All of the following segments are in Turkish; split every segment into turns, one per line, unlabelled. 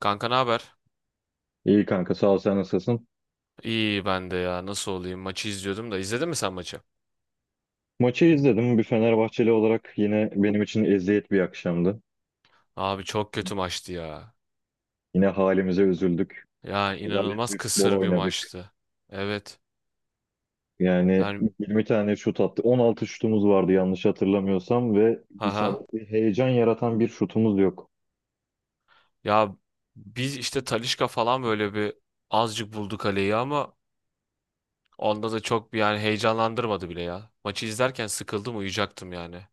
Kanka ne haber?
İyi kanka, sağ ol, sen nasılsın?
İyi, ben de ya. Nasıl olayım, maçı izliyordum da. İzledin mi sen maçı?
Maçı izledim. Bir Fenerbahçeli olarak yine benim için eziyet bir akşamdı.
Abi çok kötü maçtı ya.
Yine halimize üzüldük.
Yani
Rezalet
inanılmaz
bir futbol
kısır bir
oynadık.
maçtı. Evet.
Yani
Yani
20 tane şut attı. 16 şutumuz vardı yanlış hatırlamıyorsam ve
haha.
isabetli heyecan yaratan bir şutumuz yok.
Ya biz işte Talisca falan böyle bir azıcık buldu kaleyi, ama onda da çok bir yani heyecanlandırmadı bile ya. Maçı izlerken sıkıldım, uyuyacaktım yani.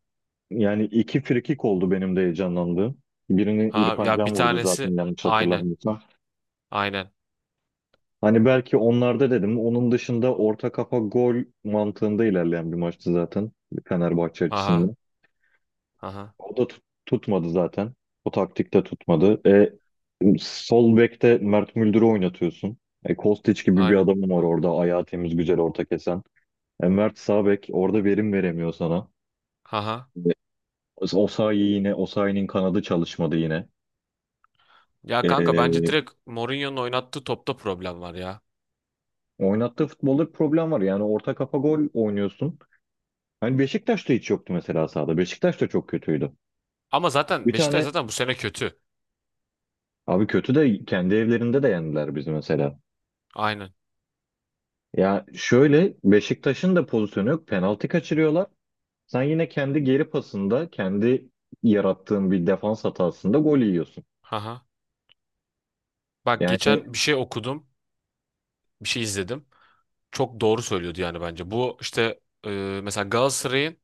Yani iki frikik oldu benim de heyecanlandığım. Birinin
Ha
İrfan
ya bir
Can vurdu zaten
tanesi
yanlış
aynen
hatırlamıyorsam.
aynen.
Hani belki onlarda dedim. Onun dışında orta kafa gol mantığında ilerleyen bir maçtı zaten Fenerbahçe
Aha
açısından.
aha
O da tutmadı zaten. O taktikte tutmadı. Sol bekte Mert Müldür'ü oynatıyorsun. Kostić gibi bir
aynen.
adamın var orada. Ayağı temiz, güzel orta kesen. Mert sağ bek orada verim veremiyor sana.
Haha.
E, Osayi yine, Osayi'nin kanadı çalışmadı yine.
Ya kanka bence
E,
direkt Mourinho'nun oynattığı topta problem var ya.
Oynattığı futbolda bir problem var. Yani orta kafa gol oynuyorsun. Hani Beşiktaş'ta hiç yoktu mesela sahada. Beşiktaş da çok kötüydü.
Ama
Bir
zaten Beşiktaş
tane
zaten bu sene kötü.
abi, kötü de kendi evlerinde de yendiler biz mesela.
Aynen.
Ya şöyle, Beşiktaş'ın da pozisyonu yok. Penaltı kaçırıyorlar. Sen yine kendi geri pasında, kendi yarattığın bir defans hatasında gol yiyorsun.
Haha. Bak
Yani
geçen bir şey okudum. Bir şey izledim. Çok doğru söylüyordu yani bence. Bu işte mesela Galatasaray'ın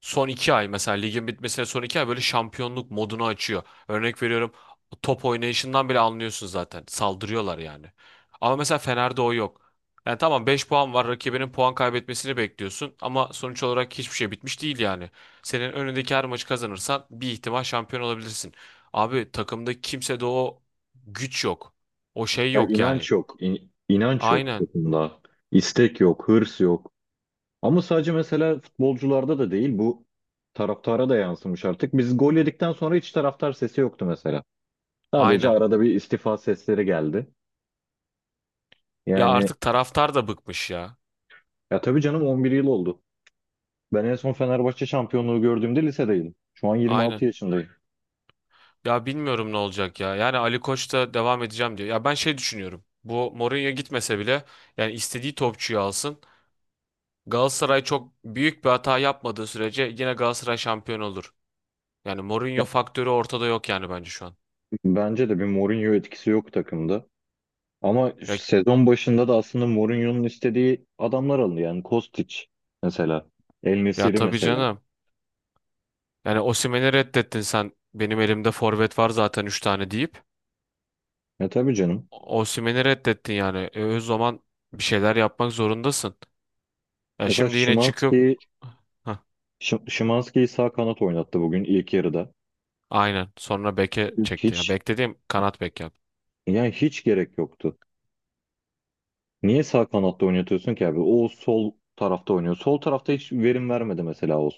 son 2 ay, mesela ligin bitmesine son 2 ay, böyle şampiyonluk modunu açıyor. Örnek veriyorum, top oynayışından bile anlıyorsun zaten. Saldırıyorlar yani. Ama mesela Fener'de o yok. Yani tamam, 5 puan var, rakibinin puan kaybetmesini bekliyorsun, ama sonuç olarak hiçbir şey bitmiş değil yani. Senin önündeki her maçı kazanırsan bir ihtimal şampiyon olabilirsin. Abi takımda kimsede o güç yok. O şey
ya
yok
inanç
yani.
yok. İnanç yok
Aynen.
takımda. İstek yok, hırs yok. Ama sadece mesela futbolcularda da değil bu, taraftara da yansımış artık. Biz gol yedikten sonra hiç taraftar sesi yoktu mesela. Sadece
Aynen.
arada bir istifa sesleri geldi.
Ya
Yani
artık taraftar da bıkmış ya.
ya tabii canım, 11 yıl oldu. Ben en son Fenerbahçe şampiyonluğu gördüğümde lisedeydim. Şu an 26
Aynen.
yaşındayım.
Ya bilmiyorum ne olacak ya. Yani Ali Koç da devam edeceğim diyor. Ya ben şey düşünüyorum. Bu Mourinho gitmese bile yani istediği topçuyu alsın. Galatasaray çok büyük bir hata yapmadığı sürece yine Galatasaray şampiyon olur. Yani
Yani
Mourinho faktörü ortada yok yani bence şu an.
bence de bir Mourinho etkisi yok takımda. Ama
Ya,
sezon başında da aslında Mourinho'nun istediği adamlar alındı. Yani Kostić mesela. El
ya
Nesiri
tabii
mesela.
canım. Yani Osimhen'i reddettin sen. Benim elimde forvet var zaten 3 tane deyip.
Ya tabii canım.
Osimhen'i reddettin yani. O zaman bir şeyler yapmak zorundasın. Ya
Mesela
şimdi yine çıkıp.
Szymański'yi,
Heh.
Szymański'yi sağ kanat oynattı bugün ilk yarıda.
Aynen. Sonra beke çekti. Ya
Hiç,
bek dediğim, kanat bek yaptı.
yani hiç gerek yoktu. Niye sağ kanatta oynatıyorsun ki abi? O sol tarafta oynuyor. Sol tarafta hiç verim vermedi mesela o.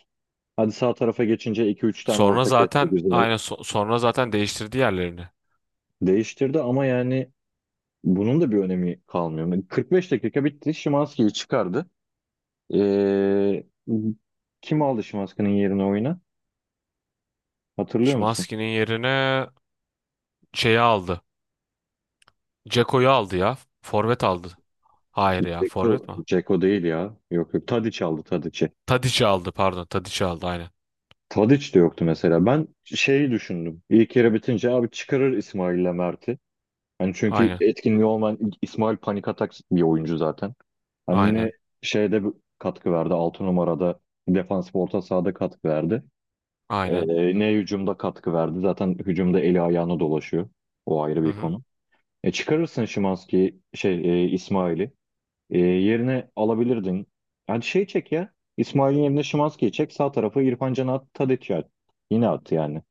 Hadi sağ tarafa geçince iki üç tane
Sonra
ortak etti
zaten
güzel.
aynen sonra zaten değiştirdi yerlerini.
Değiştirdi ama yani bunun da bir önemi kalmıyor. Yani 45 dakika bitti. Şimanski'yi çıkardı. Ee, Kim aldı Şimanski'nin yerine oyuna? Hatırlıyor musun?
Szymański'nin yerine şeyi aldı. Ceko'yu aldı ya. Forvet aldı. Hayır ya, forvet mi?
Ceko değil ya. Yok yok. Tadiç aldı Tadiç'i.
Tadic'i aldı, pardon. Tadic'i aldı aynen.
Tadiç de yoktu mesela. Ben şeyi düşündüm. İlk yarı bitince abi çıkarır İsmail'le Mert'i. Hani çünkü
Aynen.
etkinliği olmayan İsmail panik atak bir oyuncu zaten. Hani
Aynen.
şeyde bir katkı verdi. Altı numarada defansif orta sahada katkı verdi.
Aynen.
Ne hücumda katkı verdi. Zaten hücumda eli ayağına dolaşıyor. O ayrı
Hı
bir
hı.
konu. Çıkarırsın Şimanski şey, İsmail'i. Yerine alabilirdin. Hadi şey çek ya. İsmail'in yerine Şimanski'yi çek. Sağ tarafı İrfan Can'a at, Tadiç'e at. Yine at yani.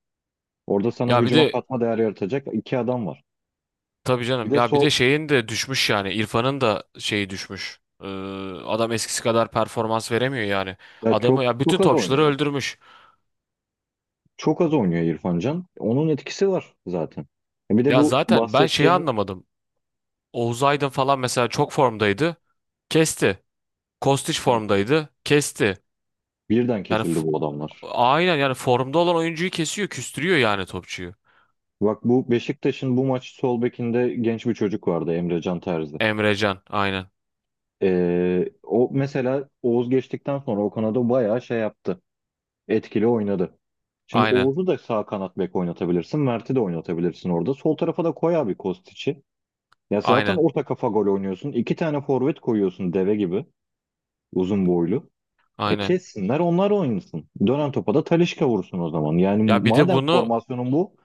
Orada sana
Ya bir
hücuma
de
katma değer yaratacak iki adam var.
tabii
Bir
canım.
de
Ya bir de
sol,
şeyin de düşmüş yani. İrfan'ın da şeyi düşmüş. Adam eskisi kadar performans veremiyor yani.
ya
Adamı
çok
ya bütün
çok az
topçuları
oynuyor.
öldürmüş.
Çok az oynuyor İrfan Can. Onun etkisi var zaten. Bir de
Ya
bu
zaten ben şeyi
bahsettiğim,
anlamadım. Oğuz Aydın falan mesela çok formdaydı. Kesti. Kostić formdaydı. Kesti.
birden
Yani
kesildi
f-
bu adamlar.
aynen, yani formda olan oyuncuyu kesiyor, küstürüyor yani topçuyu.
Bak bu Beşiktaş'ın bu maç sol bekinde genç bir çocuk vardı, Emre Can Terzi.
Emrecan aynen.
O mesela Oğuz geçtikten sonra o kanada bayağı şey yaptı. Etkili oynadı. Şimdi
Aynen.
Oğuz'u da sağ kanat bek oynatabilirsin. Mert'i de oynatabilirsin orada. Sol tarafa da koy abi Kostiç'i. Ya zaten
Aynen.
orta kafa gol oynuyorsun. İki tane forvet koyuyorsun deve gibi. Uzun boylu. E
Aynen.
kessinler onlar oynasın. Dönen topa da Talisca vursun o zaman.
Ya
Yani
bir de
madem
bunu
formasyonun bu,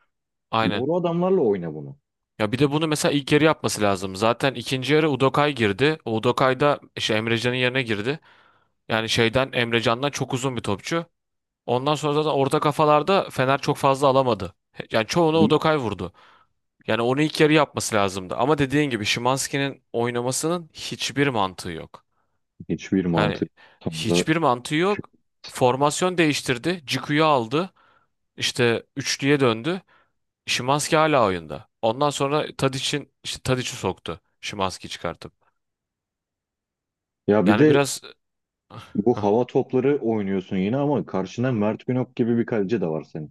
aynen.
doğru adamlarla oyna bunu.
Ya bir de bunu mesela ilk yarı yapması lazım. Zaten ikinci yarı Udokay girdi. O Udokay da işte Emrecan'ın yerine girdi. Yani Emrecan'dan çok uzun bir topçu. Ondan sonra zaten orta kafalarda Fener çok fazla alamadı. Yani çoğunu Udokay vurdu. Yani onu ilk yarı yapması lazımdı. Ama dediğin gibi Szymański'nin oynamasının hiçbir mantığı yok.
Hiçbir
Yani
mantık, tam da.
hiçbir mantığı yok. Formasyon değiştirdi. Ciku'yu aldı. İşte üçlüye döndü. Szymański hala oyunda. Ondan sonra Tadić'in işte Tadić'i soktu. Szymański çıkartıp.
Ya bir
Yani
de
biraz.
bu
Hah,
hava topları oynuyorsun yine ama karşında Mert Günok gibi bir kaleci de var senin.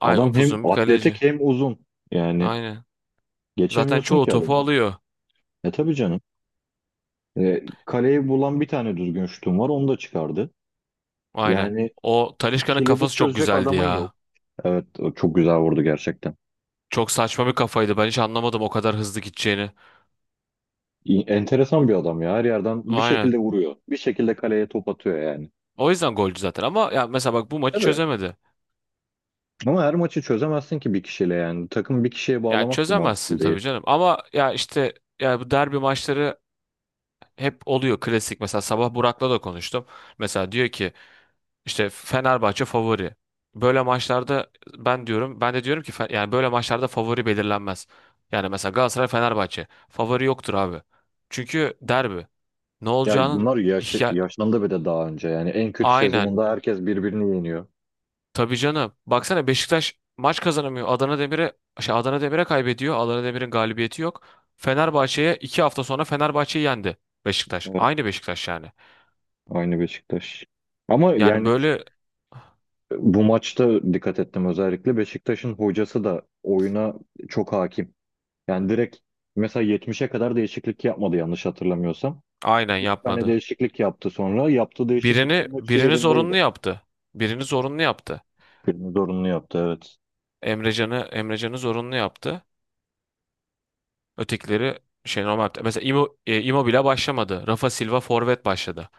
aynen,
Adam hem
upuzun bir kaleci.
atletik hem uzun. Yani
Aynen. Zaten
geçemiyorsun
çoğu
ki
topu
adamı.
alıyor.
E tabii canım. Kaleyi bulan bir tane düzgün şutun var, onu da çıkardı.
Aynen.
Yani
O Talisca'nın
kilidi
kafası çok
çözecek
güzeldi
adamın yok.
ya.
Evet, o çok güzel vurdu gerçekten.
Çok saçma bir kafaydı. Ben hiç anlamadım o kadar hızlı gideceğini.
Enteresan bir adam ya. Her yerden bir
Aynen.
şekilde vuruyor. Bir şekilde kaleye top atıyor yani.
O yüzden golcü zaten, ama ya mesela bak bu maçı
Evet.
çözemedi.
Ama her maçı çözemezsin ki bir kişiyle yani. Takım bir kişiye
Yani
bağlamak da mantıklı
çözemezsin tabii
değil.
canım, ama ya işte ya bu derbi maçları hep oluyor klasik. Mesela sabah Burak'la da konuştum. Mesela diyor ki işte Fenerbahçe favori. Böyle maçlarda ben de diyorum ki yani böyle maçlarda favori belirlenmez. Yani mesela Galatasaray Fenerbahçe favori yoktur abi. Çünkü derbi. Ne
Ya
olacağının
bunlar yaş
ya,
yaşlandı bir de daha önce. Yani en kötü
aynen.
sezonunda herkes birbirini yeniyor.
Tabii canım. Baksana Beşiktaş maç kazanamıyor. Adana Demir'e Adana Demir'e kaybediyor. Adana Demir'in galibiyeti yok. Fenerbahçe'ye, 2 hafta sonra Fenerbahçe'yi yendi Beşiktaş.
Evet,
Aynı Beşiktaş yani.
aynı Beşiktaş. Ama
Yani
yani
böyle
bu maçta dikkat ettim, özellikle Beşiktaş'ın hocası da oyuna çok hakim. Yani direkt mesela yetmişe kadar değişiklik yapmadı yanlış hatırlamıyorsam.
aynen
Bir tane
yapmadı.
değişiklik yaptı sonra. Yaptığı değişikliklerin hepsi
Birini zorunlu
yerindeydi.
yaptı. Birini zorunlu yaptı.
Birini zorunlu yaptı evet.
Emrecan'ı zorunlu yaptı. Ötekileri şey, normal yaptı. Mesela Immobile başlamadı. Rafa Silva forvet başladı.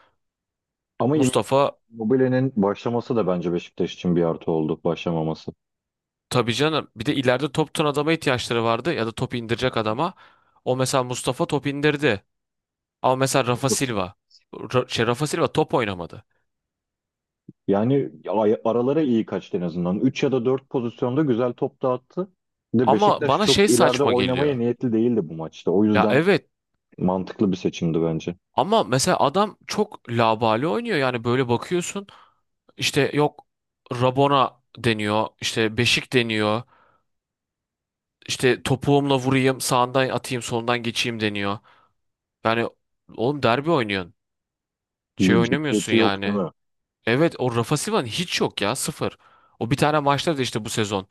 Ama
Mustafa.
Immobile'nin başlaması da bence Beşiktaş için bir artı oldu, başlamaması.
Tabii canım. Bir de ileride top tutan adama ihtiyaçları vardı, ya da top indirecek adama. O mesela Mustafa top indirdi. Ama mesela Rafa Silva. Rafa Silva top oynamadı.
Yani aralara iyi kaçtı en azından. Üç ya da 4 pozisyonda güzel top dağıttı. Bir de
Ama
Beşiktaş
bana
çok
şey
ileride
saçma
oynamaya
geliyor.
niyetli değildi bu maçta. O
Ya
yüzden
evet,
mantıklı bir seçimdi bence.
ama mesela adam çok labali oynuyor. Yani böyle bakıyorsun, işte yok Rabona deniyor, işte Beşik deniyor, işte topuğumla vurayım, sağından atayım, solundan geçeyim deniyor. Yani oğlum derbi oynuyorsun. Şey
Bir
oynamıyorsun
ciddiyeti yok değil
yani.
mi?
Evet o Rafa Silva'nın hiç yok ya, sıfır. O bir tane maçta da işte bu sezon.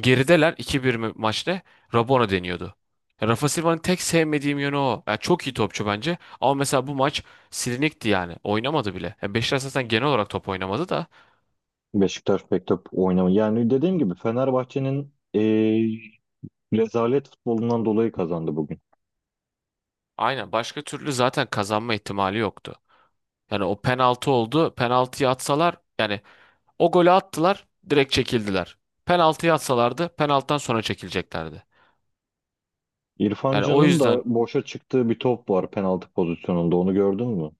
Gerideler, 2-1 mi maçta, Rabona deniyordu. Ya Rafa Silva'nın tek sevmediğim yönü o. Ya çok iyi topçu bence, ama mesela bu maç silinikti yani. Oynamadı bile. Ya Beşiktaş zaten genel olarak top oynamadı da.
Beşiktaş pek top oynamıyor. Yani dediğim gibi Fenerbahçe'nin rezalet futbolundan dolayı kazandı bugün.
Aynen, başka türlü zaten kazanma ihtimali yoktu. Yani o penaltı oldu. Penaltıyı atsalar yani, o golü attılar direkt çekildiler. Penaltıyı atsalardı, penaltıdan sonra çekileceklerdi.
İrfan
Yani o
Can'ın da
yüzden.
boşa çıktığı bir top var penaltı pozisyonunda. Onu gördün mü?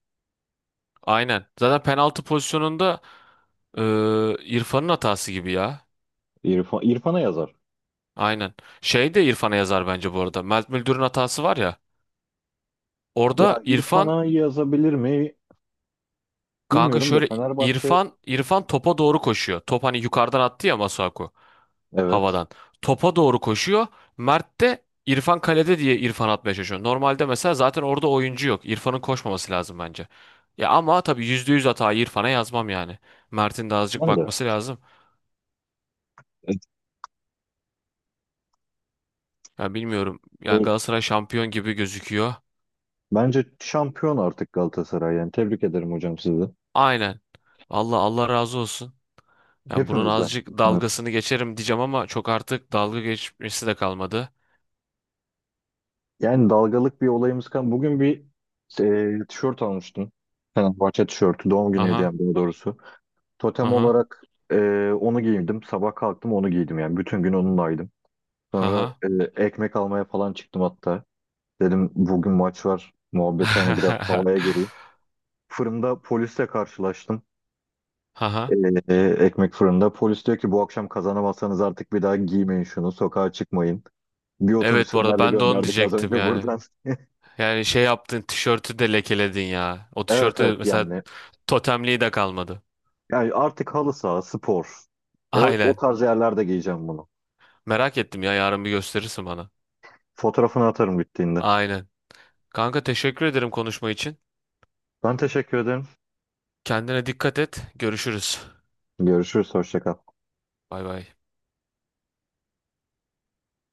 Aynen. Zaten penaltı pozisyonunda e, İrfan'ın hatası gibi ya.
İrfan'a yazar.
Aynen. Şey de İrfan'a yazar bence bu arada. Mert Müldür'ün hatası var ya.
Ya
Orada İrfan,
İrfan'a yazabilir mi
kanka
bilmiyorum da
şöyle,
Fenerbahçe,
İrfan topa doğru koşuyor. Top hani yukarıdan attı ya Masuaku,
evet.
havadan. Topa doğru koşuyor. Mert de İrfan kalede diye, İrfan atmaya çalışıyor. Normalde mesela zaten orada oyuncu yok. İrfan'ın koşmaması lazım bence. Ya ama tabii %100 hatayı İrfan'a yazmam yani. Mert'in de azıcık
Ben de.
bakması lazım.
Evet.
Ya bilmiyorum. Yani
Ee,
Galatasaray şampiyon gibi gözüküyor.
Bence şampiyon artık Galatasaray yani. Tebrik ederim hocam sizi.
Aynen. Allah Allah razı olsun. Yani bunun
Hepimizden.
azıcık dalgasını geçerim diyeceğim, ama çok artık dalga geçmesi de kalmadı.
Yani dalgalık bir olayımız kan. Bugün bir, tişört almıştım. Fenerbahçe tişörtü. Doğum günü
Aha,
hediyem daha doğrusu. Totem
aha,
olarak onu giydim. Sabah kalktım onu giydim yani. Bütün gün onunlaydım. Sonra
aha.
ekmek almaya falan çıktım hatta. Dedim bugün maç var. Muhabbeti hani biraz havaya geleyim. Fırında polisle karşılaştım.
Aha.
Ekmek fırında. Polis diyor ki bu akşam kazanamazsanız artık bir daha giymeyin şunu. Sokağa çıkmayın. Bir otobüs
Evet bu arada
Fenerli
ben de onu
gönderdik az
diyecektim
önce
yani.
buradan.
Yani şey yaptın, tişörtü de lekeledin ya. O
Evet evet
tişörtü mesela
yani.
totemliği de kalmadı.
Yani artık halı saha, spor. O
Aynen.
tarz yerlerde giyeceğim bunu.
Merak ettim ya, yarın bir gösterirsin bana.
Fotoğrafını atarım bittiğinde.
Aynen. Kanka teşekkür ederim konuşma için.
Ben teşekkür ederim.
Kendine dikkat et. Görüşürüz.
Görüşürüz. Hoşça kal.
Bay bay.